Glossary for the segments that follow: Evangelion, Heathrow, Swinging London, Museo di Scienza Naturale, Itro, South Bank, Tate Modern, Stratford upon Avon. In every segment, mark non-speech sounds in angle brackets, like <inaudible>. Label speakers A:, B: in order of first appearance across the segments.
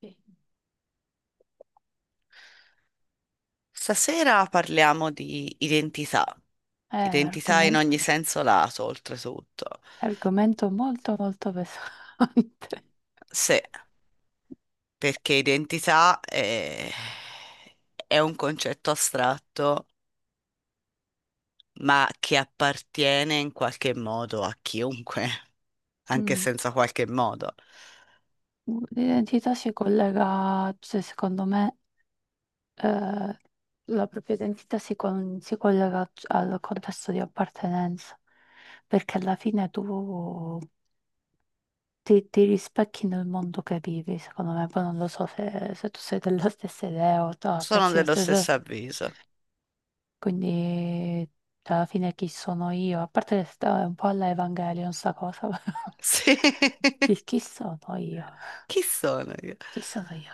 A: Sì.
B: Stasera parliamo di identità,
A: È
B: identità in
A: argomento,
B: ogni senso lato, oltretutto.
A: è argomento molto molto pesante. <laughs>
B: Sì, perché identità è un concetto astratto, ma che appartiene in qualche modo a chiunque, <laughs> anche
A: Mm.
B: senza qualche modo.
A: L'identità si collega, cioè, secondo me, eh, la propria identità si, si collega al contesto di appartenenza, perché alla fine tu ti rispecchi nel mondo che vivi, secondo me. Poi non lo so se tu sei della <laughs> stessa idea o
B: Sono
A: pensi lo
B: dello
A: stesso.
B: stesso avviso.
A: Quindi, cioè, alla fine, chi sono io? A parte che sta un po' alla Evangelion, sta cosa. <laughs>
B: Sì, <laughs>
A: Chi sono io?
B: chi sono io?
A: Chi sono io?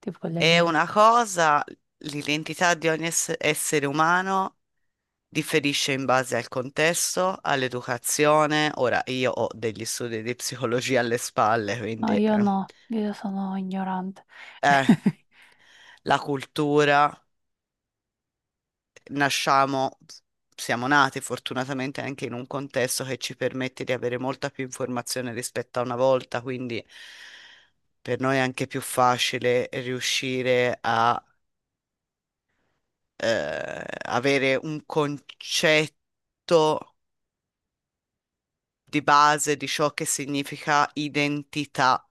A: Tipo le
B: È
A: mille.
B: una cosa, l'identità di ogni essere umano differisce in base al contesto, all'educazione. Ora, io ho degli studi di psicologia alle spalle,
A: No,
B: quindi
A: io no, io sono ignorante.
B: eh,
A: <laughs>
B: la cultura, nasciamo, siamo nati fortunatamente anche in un contesto che ci permette di avere molta più informazione rispetto a una volta, quindi per noi è anche più facile riuscire a avere un concetto di base di ciò che significa identità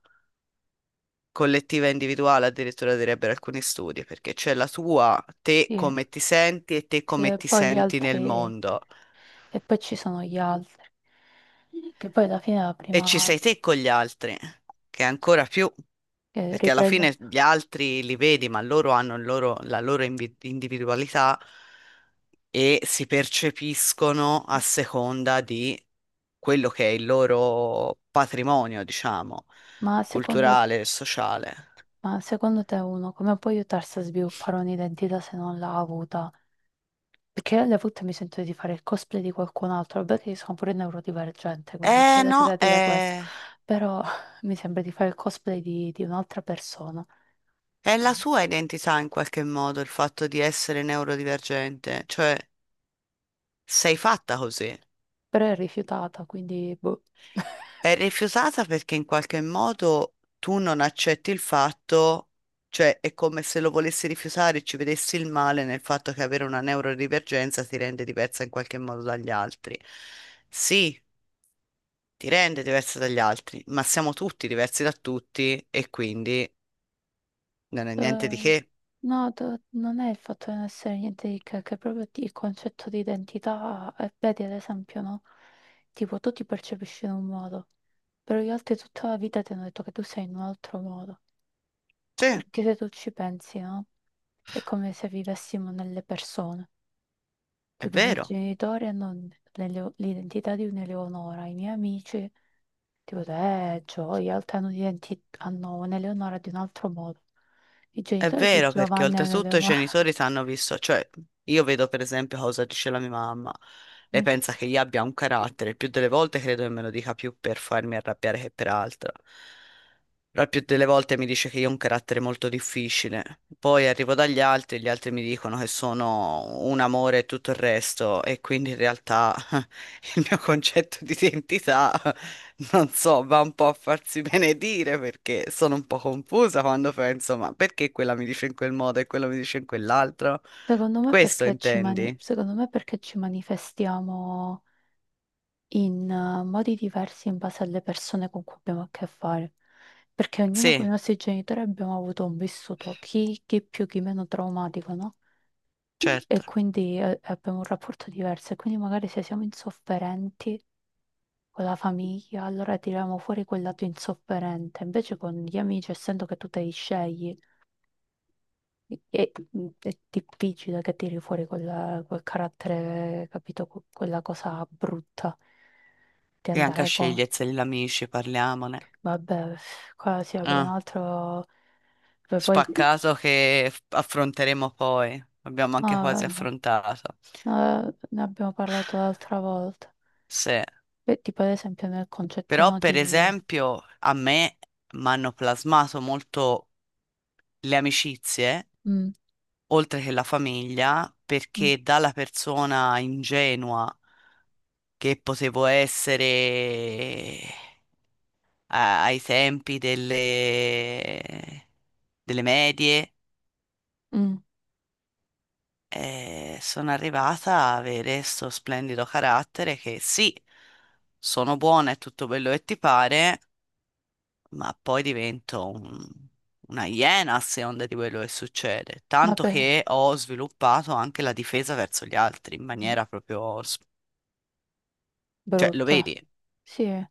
B: collettiva e individuale, addirittura direbbero alcuni studi, perché c'è la tua, te
A: Sì,
B: come ti senti e te
A: sì,
B: come
A: e
B: ti
A: poi gli
B: senti nel
A: altri,
B: mondo.
A: e poi ci sono gli altri, che poi alla fine la
B: E ci
A: prima
B: sei te con gli altri, che è ancora più, perché alla
A: riprende.
B: fine gli altri li vedi, ma loro hanno il la loro individualità e si percepiscono a seconda di quello che è il loro patrimonio, diciamo,
A: Ma secondo
B: culturale e sociale.
A: Ma secondo te uno come può aiutarsi a sviluppare un'identità se non l'ha avuta? Perché alle volte mi sento di fare il cosplay di qualcun altro, vabbè che io sono pure neurodivergente, quindi
B: Eh
A: c'è anche da
B: no,
A: dire questo,
B: eh.
A: però <laughs> mi sembra di fare il cosplay di un'altra persona,
B: È la sua identità in qualche modo il fatto di essere neurodivergente, cioè sei fatta così.
A: però è rifiutata, quindi boh.
B: È
A: <laughs>
B: rifiutata perché in qualche modo tu non accetti il fatto, cioè è come se lo volessi rifiutare e ci vedessi il male nel fatto che avere una neurodivergenza ti rende diversa in qualche modo dagli altri. Sì, ti rende diversa dagli altri, ma siamo tutti diversi da tutti e quindi non è niente di
A: Eh,
B: che.
A: no, non è il fatto di non essere niente di che è proprio il concetto di identità, vedi ad esempio, no? Tipo tu ti percepisci in un modo, però gli altri tutta la vita ti hanno detto che tu sei in un altro modo,
B: Sì, è
A: perché se tu ci pensi, no? È come se vivessimo nelle persone, tipo i miei
B: vero.
A: genitori hanno l'identità di un'Eleonora, i miei amici. Tipo, gioia, Altano di Enti hanno un'Eleonora di un altro modo. I
B: È
A: genitori di
B: vero perché
A: Giovanni hanno
B: oltretutto i
A: Eleonora.
B: genitori sanno visto, cioè io vedo per esempio cosa dice la mia mamma, lei pensa
A: <laughs>
B: che io abbia un carattere, il più delle volte credo che me lo dica più per farmi arrabbiare che per altro. La più delle volte mi dice che io ho un carattere molto difficile, poi arrivo dagli altri, gli altri mi dicono che sono un amore e tutto il resto, e quindi in realtà <laughs> il mio concetto di identità, <laughs> non so, va un po' a farsi <laughs> benedire perché sono un po' confusa quando penso, ma perché quella mi dice in quel modo e quello mi dice in quell'altro? Questo intendi?
A: Secondo me perché ci manifestiamo in modi diversi in base alle persone con cui abbiamo a che fare. Perché ognuno con i
B: Sì,
A: nostri genitori abbiamo avuto un vissuto, chi più, chi meno traumatico, no? E
B: certo.
A: quindi abbiamo un rapporto diverso. E quindi magari se siamo insofferenti con la famiglia, allora tiriamo fuori quel lato insofferente. Invece con gli amici, essendo che tu te li scegli, è difficile che tiri fuori quel carattere, capito? Quella cosa brutta di
B: E anche a
A: andare con...
B: sceglierseli gli amici, parliamone.
A: Vabbè, qua si apre un
B: Ah,
A: altro... Beh, poi...
B: spaccato che affronteremo poi. Abbiamo
A: No,
B: anche quasi
A: vabbè.
B: affrontato.
A: No, ne abbiamo parlato l'altra volta.
B: Sì.
A: E tipo ad esempio nel concetto
B: Però,
A: no di...
B: per esempio, a me mi hanno plasmato molto le amicizie,
A: Mm,
B: oltre che la famiglia,
A: mm,
B: perché dalla persona ingenua che potevo essere ai tempi delle medie,
A: mm,
B: e sono arrivata a avere questo splendido carattere che sì, sono buona e tutto quello che ti pare, ma poi divento una iena a seconda di quello che succede.
A: ma
B: Tanto
A: per...
B: che ho sviluppato anche la difesa verso gli altri in maniera proprio... Cioè, lo
A: Brutta.
B: vedi?
A: Sì.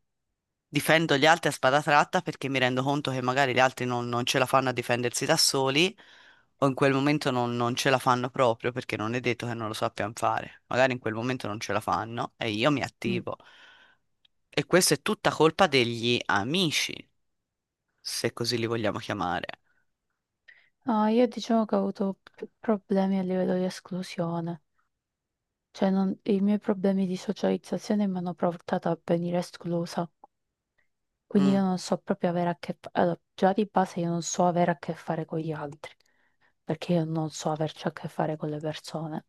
B: Difendo gli altri a spada tratta perché mi rendo conto che magari gli altri non ce la fanno a difendersi da soli o in quel momento non ce la fanno proprio perché non è detto che non lo sappiano fare. Magari in quel momento non ce la fanno e io mi
A: Mm.
B: attivo. E questa è tutta colpa degli amici, se così li vogliamo chiamare.
A: No, io diciamo che ho avuto più problemi a livello di esclusione, cioè i miei problemi di socializzazione mi hanno portato a venire esclusa, quindi io
B: Mm,
A: non so proprio avere a che fare, allora, già di base io non so avere a che fare con gli altri, perché io non so averci a che fare con le persone.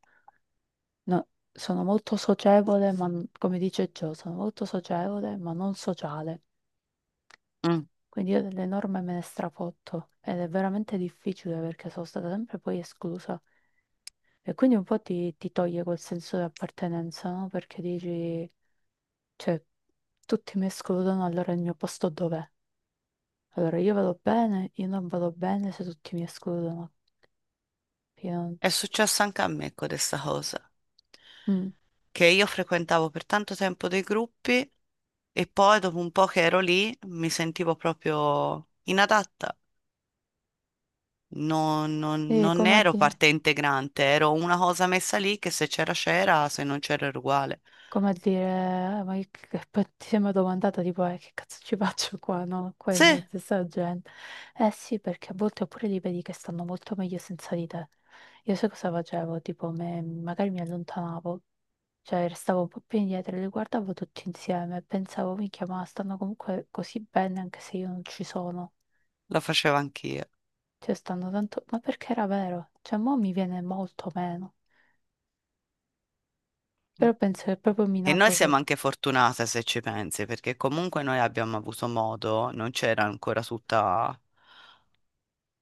A: No, sono molto socievole, ma come dice Gio, sono molto socievole, ma non sociale.
B: mm.
A: Quindi io delle norme me ne strafotto ed è veramente difficile perché sono stata sempre poi esclusa. E quindi un po' ti toglie quel senso di appartenenza, no? Perché dici, cioè, tutti mi escludono, allora il mio posto dov'è? Allora io vado bene, io non vado bene se tutti mi escludono. Io non-
B: È successo anche a me con questa cosa,
A: Mm.
B: che io frequentavo per tanto tempo dei gruppi e poi dopo un po' che ero lì mi sentivo proprio inadatta. Non, non-
A: E
B: non ero parte integrante, ero una cosa messa lì che se c'era c'era, se non c'era era uguale.
A: come a dire, ma poi ti sembra domandata tipo, che cazzo ci <laughs> faccio qua, no? Qua
B: Sì,
A: in mezzo a sta gente. Eh sì, perché a volte oppure li vedi che stanno molto meglio senza di te. Io sai cosa facevo? Tipo, magari mi allontanavo, cioè restavo un po' più indietro e li guardavo tutti insieme e pensavo, minchia, ma stanno comunque così bene anche se io non ci sono.
B: lo facevo anch'io.
A: Cioè stanno tanto... Ma perché era vero? Cioè, mo mi viene molto meno. Però penso che è proprio
B: E noi
A: minato... per-
B: siamo anche fortunate se ci pensi, perché comunque noi abbiamo avuto modo, non c'era ancora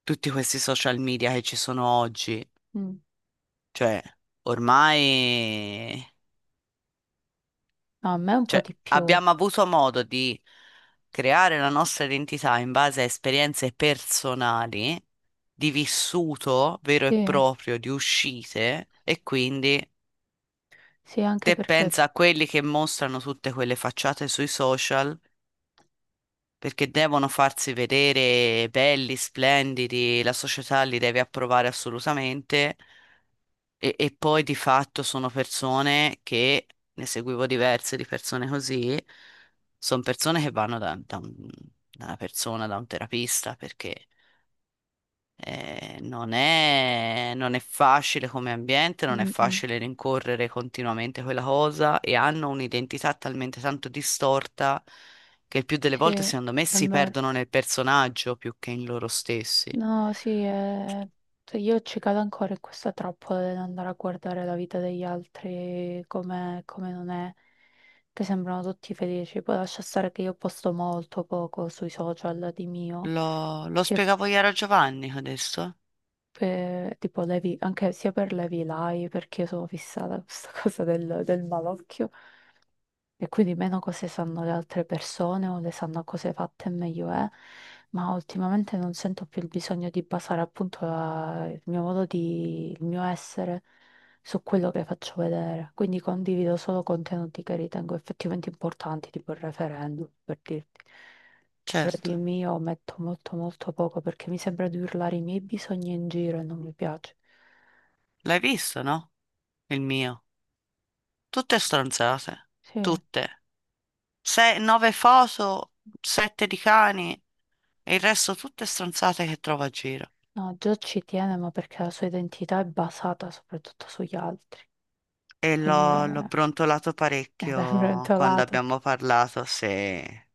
B: tutti questi social media che ci sono oggi.
A: Mm.
B: Cioè, ormai,
A: No, a me un po'
B: cioè,
A: di più.
B: abbiamo avuto modo di creare la nostra identità in base a esperienze personali, di vissuto vero e
A: Sì.
B: proprio, di uscite, e quindi
A: Sì, anche
B: te
A: perché,
B: pensa a quelli che mostrano tutte quelle facciate sui social perché devono farsi vedere belli, splendidi, la società li deve approvare assolutamente. E poi di fatto sono persone che, ne seguivo diverse di persone così, sono persone che vanno da una persona, da un terapista, perché non è facile come ambiente, non è
A: mm, mm,
B: facile rincorrere continuamente quella cosa e hanno un'identità talmente tanto distorta che il più delle
A: sì,
B: volte,
A: è
B: secondo me, si
A: vero.
B: perdono nel personaggio più che in loro stessi.
A: No, sì, cioè, io ci cado ancora in questa trappola dell'andare a guardare la vita degli altri come non è, che sembrano tutti felici. Poi lascia stare che io posto molto poco sui social di mio,
B: Lo
A: sia
B: spiegavo ieri a Giovanni adesso?
A: per, tipo, anche sia per le live, perché io sono fissata a questa <laughs> cosa del malocchio. E quindi meno cose sanno le altre persone o le sanno cose fatte meglio è, ma ultimamente non sento più il bisogno di basare appunto il mio modo di, il mio essere su quello che faccio vedere. Quindi condivido solo contenuti che ritengo effettivamente importanti, tipo il referendum, per dirti. Però di
B: Certo.
A: mio metto molto molto poco perché mi sembra di urlare i miei bisogni in giro e non mi piace.
B: L'hai visto, no? Il mio. Tutte stronzate.
A: Sì, no,
B: Tutte. Nove foto, sette di cani e il resto tutte stronzate che trovo a giro.
A: già ci tiene, ma perché la sua identità è basata soprattutto sugli altri.
B: E
A: Quindi
B: l'ho brontolato
A: <laughs> è
B: parecchio quando
A: brontolato,
B: abbiamo parlato, se...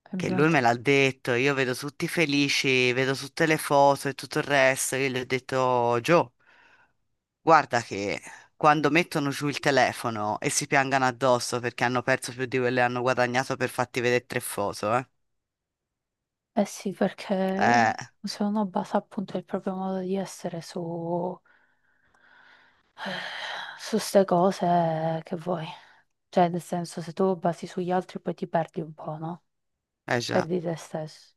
A: è
B: Che lui me
A: brontolato.
B: l'ha detto, io vedo tutti felici, vedo tutte le foto e tutto il resto, io gli ho detto, Gio, guarda che quando mettono giù il telefono e si piangano addosso perché hanno perso più di quello che hanno guadagnato per farti vedere tre foto, eh.
A: Eh sì,
B: É,
A: perché se uno basa appunto il proprio modo di essere su <sighs> su ste cose che vuoi. Cioè, nel senso, se tu basi sugli altri poi ti perdi un po', no?
B: é já.
A: Perdi te stesso.